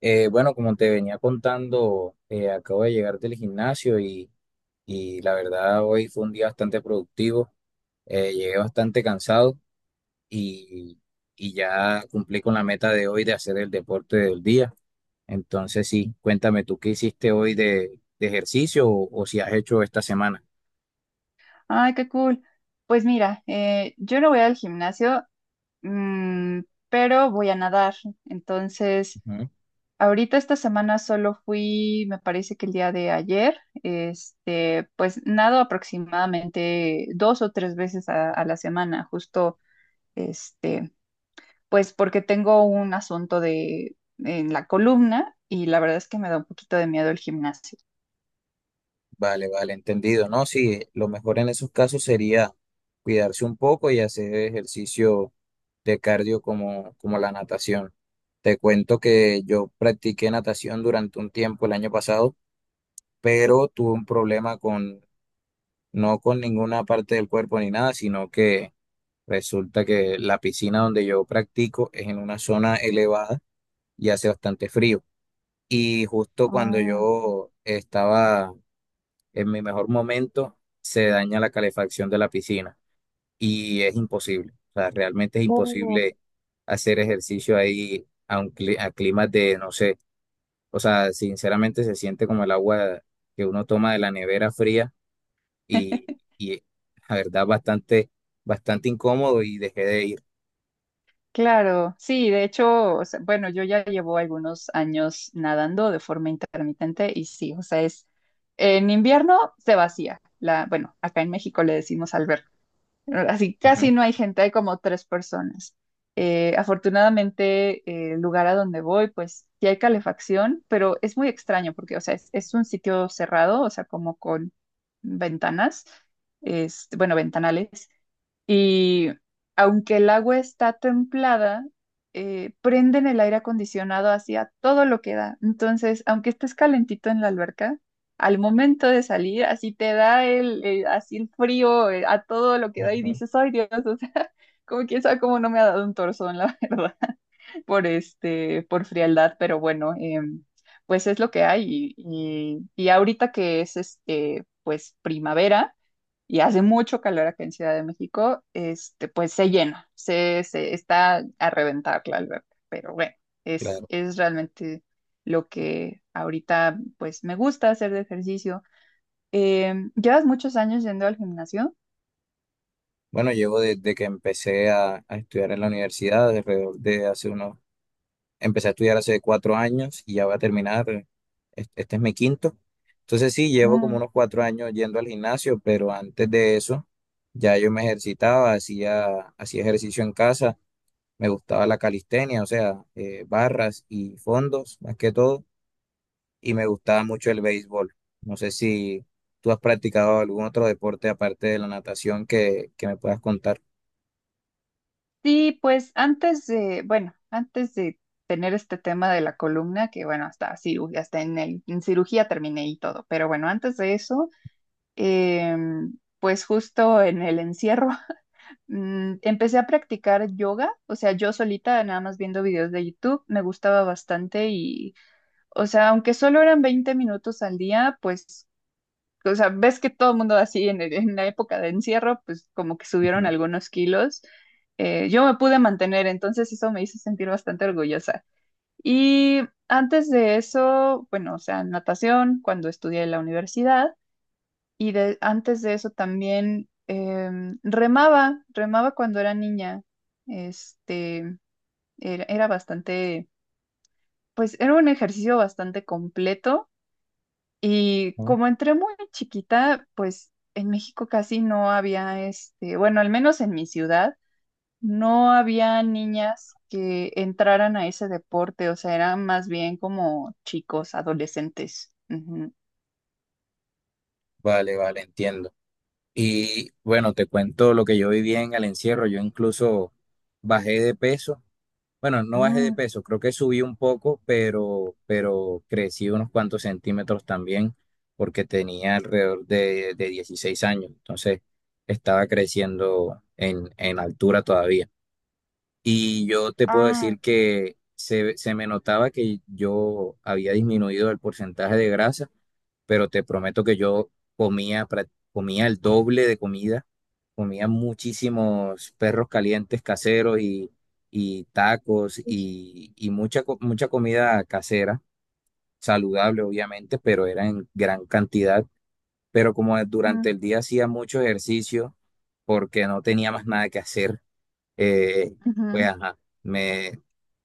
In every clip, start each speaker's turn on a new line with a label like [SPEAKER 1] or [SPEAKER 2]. [SPEAKER 1] Bueno, como te venía contando, acabo de llegar del gimnasio y la verdad hoy fue un día bastante productivo. Llegué bastante cansado y, y ya cumplí con la meta de hoy de hacer el deporte del día. Entonces, sí, cuéntame tú qué hiciste hoy de ejercicio o si has hecho esta semana.
[SPEAKER 2] Ay, qué cool. Pues mira, yo no voy al gimnasio, mm, pero voy a nadar. Entonces,
[SPEAKER 1] Ujú.
[SPEAKER 2] ahorita esta semana solo fui, me parece que el día de ayer, pues nado aproximadamente dos o tres veces a la semana, justo, este, pues porque tengo un asunto de en la columna y la verdad es que me da un poquito de miedo el gimnasio.
[SPEAKER 1] Vale, vale, entendido, ¿no? Sí, lo mejor en esos casos sería cuidarse un poco y hacer ejercicio de cardio como la natación. Te cuento que yo practiqué natación durante un tiempo el año pasado, pero tuve un problema no con ninguna parte del cuerpo ni nada, sino que resulta que la piscina donde yo practico es en una zona elevada y hace bastante frío. Y justo cuando
[SPEAKER 2] Ah,
[SPEAKER 1] yo estaba en mi mejor momento se daña la calefacción de la piscina y es imposible. O sea, realmente es
[SPEAKER 2] oh.
[SPEAKER 1] imposible hacer ejercicio ahí a un a climas de, no sé, o sea, sinceramente se siente como el agua que uno toma de la nevera fría y, y la verdad bastante incómodo y dejé de ir.
[SPEAKER 2] Claro, sí, de hecho, o sea, bueno, yo ya llevo algunos años nadando de forma intermitente y sí, o sea, es en invierno se vacía la, bueno, acá en México le decimos alberca, así
[SPEAKER 1] Ajá,
[SPEAKER 2] casi no hay gente, hay como tres personas. Afortunadamente, el lugar a donde voy, pues sí hay calefacción, pero es muy extraño porque, o sea, es un sitio cerrado, o sea, como con ventanas, es, bueno, ventanales y aunque el agua está templada, prenden el aire acondicionado hacia todo lo que da. Entonces, aunque estés calentito en la alberca, al momento de salir, así te da así el frío, a todo lo que da y
[SPEAKER 1] ujú,
[SPEAKER 2] dices, ay Dios, o sea, como quién sabe cómo no me ha dado un torzón, la verdad, por frialdad, pero bueno, pues es lo que hay. Y ahorita que es pues primavera y hace mucho calor acá en Ciudad de México, pues se llena, se está a reventar la alberca, pero bueno, es,
[SPEAKER 1] claro.
[SPEAKER 2] es realmente lo que ahorita pues me gusta hacer de ejercicio. ¿Llevas muchos años yendo al gimnasio?
[SPEAKER 1] Bueno, llevo desde que empecé a estudiar en la universidad, alrededor de hace unos. Empecé a estudiar hace 4 años y ya voy a terminar. Este es mi quinto. Entonces sí, llevo como
[SPEAKER 2] Mm.
[SPEAKER 1] unos 4 años yendo al gimnasio, pero antes de eso ya yo me ejercitaba, hacía ejercicio en casa, me gustaba la calistenia, o sea, barras y fondos más que todo, y me gustaba mucho el béisbol. No sé si tú has practicado algún otro deporte aparte de la natación que me puedas contar.
[SPEAKER 2] Sí, pues antes de, bueno, antes de tener este tema de la columna, que bueno, hasta cirugía, hasta en cirugía terminé y todo, pero bueno, antes de eso, pues justo en el encierro. Empecé a practicar yoga, o sea, yo solita, nada más viendo videos de YouTube, me gustaba bastante y, o sea, aunque solo eran 20 minutos al día, pues, o sea, ves que todo el mundo así en la época de encierro, pues como que subieron algunos kilos. Yo me pude mantener, entonces eso me hizo sentir bastante orgullosa. Y antes de eso, bueno, o sea, natación, cuando estudié en la universidad. Y antes de eso también remaba cuando era niña. Este, era bastante, pues era un ejercicio bastante completo. Y
[SPEAKER 1] Ujú.
[SPEAKER 2] como entré muy chiquita, pues en México casi no había, bueno, al menos en mi ciudad, no había niñas que entraran a ese deporte. O sea, eran más bien como chicos, adolescentes. Ujú.
[SPEAKER 1] Vale, vale, entiendo. Y bueno, te cuento lo que yo viví en el encierro. Yo incluso bajé de peso. Bueno, no bajé de
[SPEAKER 2] Mm,
[SPEAKER 1] peso, creo que subí un poco, pero crecí unos cuantos centímetros también, porque tenía alrededor de 16 años. Entonces, estaba creciendo en altura todavía. Y yo te puedo
[SPEAKER 2] ah,
[SPEAKER 1] decir que se me notaba que yo había disminuido el porcentaje de grasa, pero te prometo que yo comía el doble de comida, comía muchísimos perros calientes caseros y tacos y mucha, mucha comida casera, saludable obviamente, pero era en gran cantidad. Pero como
[SPEAKER 2] ujú,
[SPEAKER 1] durante el día hacía mucho ejercicio porque no tenía más nada que hacer, eh, pues
[SPEAKER 2] ujú,
[SPEAKER 1] ajá, me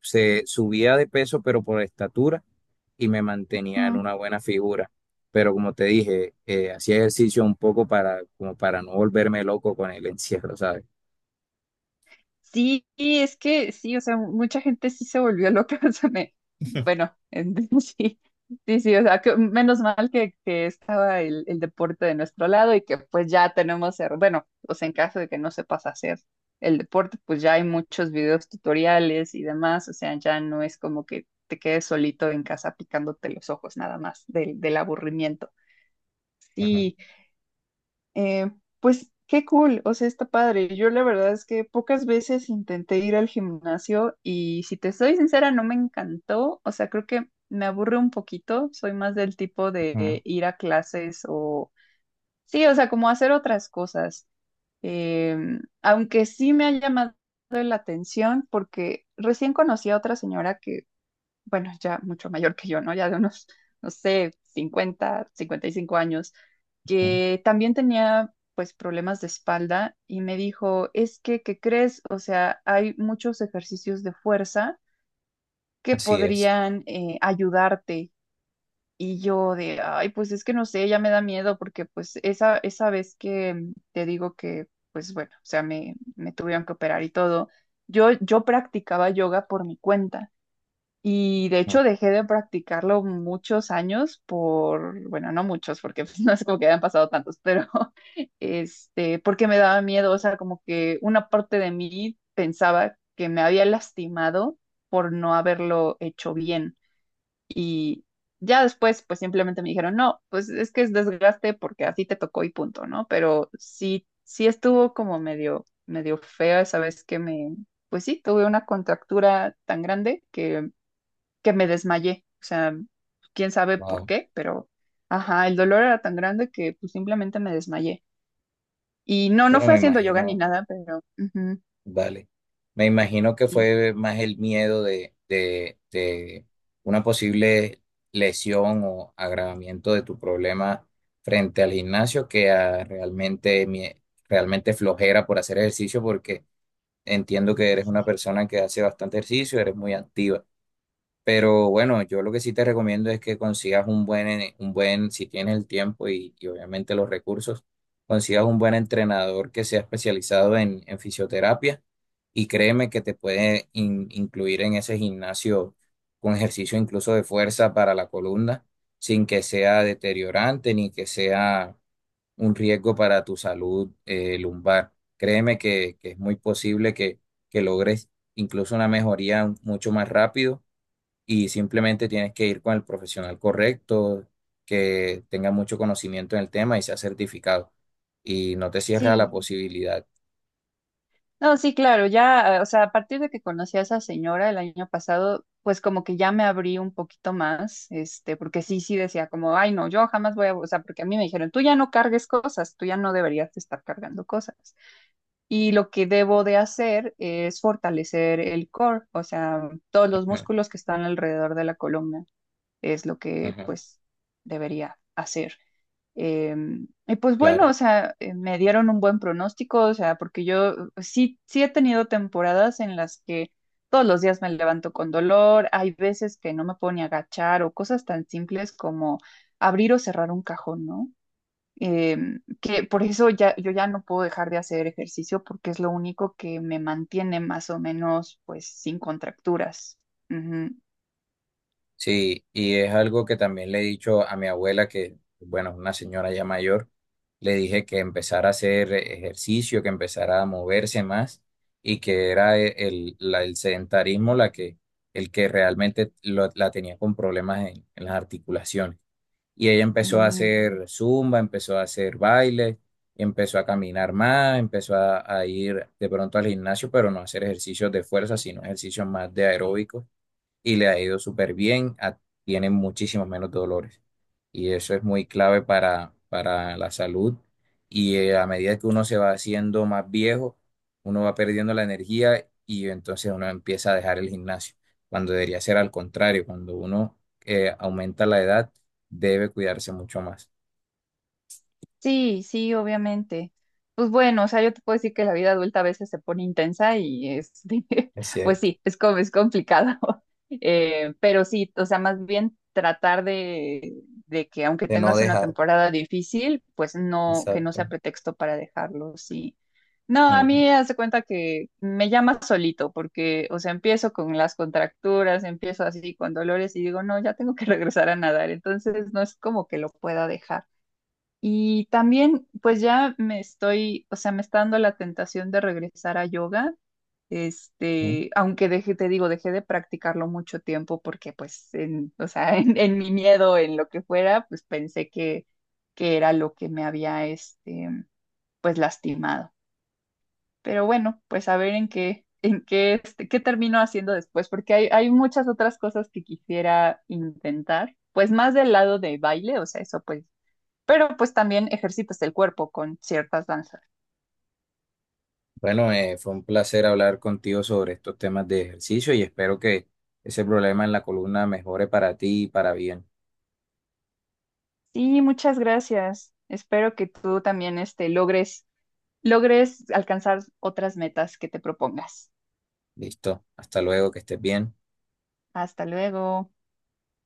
[SPEAKER 1] se subía de peso, pero por estatura y me mantenía en
[SPEAKER 2] ujú.
[SPEAKER 1] una buena figura. Pero como te dije, hacía ejercicio un poco como para no volverme loco con el encierro, ¿sabes?
[SPEAKER 2] Sí, y es que sí, o sea, mucha gente sí se volvió loca, o sea, bueno, sí, sí, sí, o sea, que menos mal que estaba el deporte de nuestro lado y que pues ya tenemos, bueno, o sea, en caso de que no sepas hacer el deporte, pues ya hay muchos videos tutoriales y demás, o sea, ya no es como que te quedes solito en casa picándote los ojos nada más del aburrimiento.
[SPEAKER 1] Ajá,
[SPEAKER 2] Sí, eh, pues qué cool, o sea, está padre. Yo la verdad es que pocas veces intenté ir al gimnasio y si te soy sincera, no me encantó. O sea, creo que me aburre un poquito. Soy más del tipo de
[SPEAKER 1] ajá,
[SPEAKER 2] ir a clases o sí, o sea, como hacer otras cosas. Aunque sí me ha llamado la atención porque recién conocí a otra señora que bueno, ya mucho mayor que yo, ¿no? Ya de unos, no sé, 50, 55 años,
[SPEAKER 1] ajá.
[SPEAKER 2] que también tenía pues problemas de espalda y me dijo, es que, ¿qué crees? O sea, hay muchos ejercicios de fuerza que
[SPEAKER 1] Así es.
[SPEAKER 2] podrían ayudarte. Y yo de, ay, pues es que no sé, ya me da miedo porque pues esa vez que te digo que, pues bueno, o sea, me tuvieron que operar y todo, yo practicaba yoga por mi cuenta. Y de hecho dejé de practicarlo muchos años por, bueno, no muchos, porque pues, no es como que hayan pasado tantos, pero porque me daba miedo, o sea, como que una parte de mí pensaba que me había lastimado por no haberlo hecho bien. Y ya después, pues simplemente me dijeron, no, pues es que es desgaste porque así te tocó y punto, ¿no? Pero sí, sí estuvo como medio, medio fea esa vez que pues sí, tuve una contractura tan grande que me desmayé. O sea, quién sabe por
[SPEAKER 1] Wow.
[SPEAKER 2] qué, pero ajá, el dolor era tan grande que pues simplemente me desmayé. Y no, no
[SPEAKER 1] Bueno,
[SPEAKER 2] fue
[SPEAKER 1] me
[SPEAKER 2] haciendo yoga ni
[SPEAKER 1] imagino.
[SPEAKER 2] nada, pero ujú,
[SPEAKER 1] Vale. Me imagino que
[SPEAKER 2] y
[SPEAKER 1] fue más el miedo de una posible lesión o agravamiento de tu problema frente al gimnasio que a realmente, realmente flojera por hacer ejercicio, porque entiendo que eres una persona que hace bastante ejercicio, eres muy activa. Pero bueno, yo lo que sí te recomiendo es que consigas un un buen, si tienes el tiempo y obviamente los recursos, consigas un buen entrenador que sea especializado en fisioterapia y créeme que te puede incluir en ese gimnasio con ejercicio incluso de fuerza para la columna, sin que sea deteriorante ni que sea un riesgo para tu salud lumbar. Créeme que es muy posible que logres incluso una mejoría mucho más rápido y simplemente tienes que ir con el profesional correcto, que tenga mucho conocimiento en el tema y sea certificado. Y no te cierres a la
[SPEAKER 2] sí.
[SPEAKER 1] posibilidad.
[SPEAKER 2] No, sí, claro, ya, o sea, a partir de que conocí a esa señora el año pasado, pues como que ya me abrí un poquito más, porque sí, sí decía como, ay, no, yo jamás voy a, o sea, porque a mí me dijeron, tú ya no cargues cosas, tú ya no deberías de estar cargando cosas. Y lo que debo de hacer es fortalecer el core, o sea, todos los
[SPEAKER 1] Ujú,
[SPEAKER 2] músculos que están alrededor de la columna es lo que
[SPEAKER 1] ujú,
[SPEAKER 2] pues debería hacer. Y pues bueno,
[SPEAKER 1] claro.
[SPEAKER 2] o sea, me dieron un buen pronóstico, o sea, porque yo sí, sí he tenido temporadas en las que todos los días me levanto con dolor, hay veces que no me puedo ni agachar o cosas tan simples como abrir o cerrar un cajón, ¿no? Que por eso ya, yo ya no puedo dejar de hacer ejercicio porque es lo único que me mantiene más o menos pues sin contracturas. Ujú.
[SPEAKER 1] Sí, y es algo que también le he dicho a mi abuela, que, bueno, es una señora ya mayor, le dije que empezara a hacer ejercicio, que empezara a moverse más y que era el sedentarismo el que realmente la tenía con problemas en las articulaciones. Y ella empezó a
[SPEAKER 2] Sí.
[SPEAKER 1] hacer zumba, empezó a hacer baile, empezó a caminar más, empezó a ir de pronto al gimnasio, pero no hacer ejercicios de fuerza, sino ejercicios más de aeróbicos y le ha ido súper bien, tiene muchísimos menos dolores. Y eso es muy clave para la salud. Y a medida que uno se va haciendo más viejo, uno va perdiendo la energía y entonces uno empieza a dejar el gimnasio, cuando debería ser al contrario, cuando uno aumenta la edad, debe cuidarse mucho más.
[SPEAKER 2] Sí, sí, obviamente. Pues bueno, o sea, yo te puedo decir que la vida adulta a veces se pone intensa y
[SPEAKER 1] Es
[SPEAKER 2] pues
[SPEAKER 1] cierto,
[SPEAKER 2] sí, es como es complicado. Pero sí, o sea, más bien tratar de que aunque
[SPEAKER 1] de no
[SPEAKER 2] tengas una
[SPEAKER 1] dejar.
[SPEAKER 2] temporada difícil, pues no, que no sea
[SPEAKER 1] Exacto.
[SPEAKER 2] pretexto para dejarlo, sí. No, a mí hace cuenta que me llama solito, porque, o sea, empiezo con las contracturas, empiezo así con dolores y digo, no, ya tengo que regresar a nadar, entonces no es como que lo pueda dejar. Y también, pues ya me estoy, o sea, me está dando la tentación de regresar a yoga,
[SPEAKER 1] Ujú.
[SPEAKER 2] aunque dejé, te digo, dejé de practicarlo mucho tiempo porque, pues, o sea, en mi miedo, en lo que fuera, pues pensé que, era lo que me había, pues lastimado. Pero bueno, pues a ver en qué, qué termino haciendo después, porque hay muchas otras cosas que quisiera intentar, pues más del lado de baile, o sea, eso pues pero pues también ejercitas el cuerpo con ciertas danzas.
[SPEAKER 1] Bueno, fue un placer hablar contigo sobre estos temas de ejercicio y espero que ese problema en la columna mejore para ti y para bien.
[SPEAKER 2] Sí, muchas gracias. Espero que tú también logres alcanzar otras metas que te propongas.
[SPEAKER 1] Listo, hasta luego, que estés bien.
[SPEAKER 2] Hasta luego.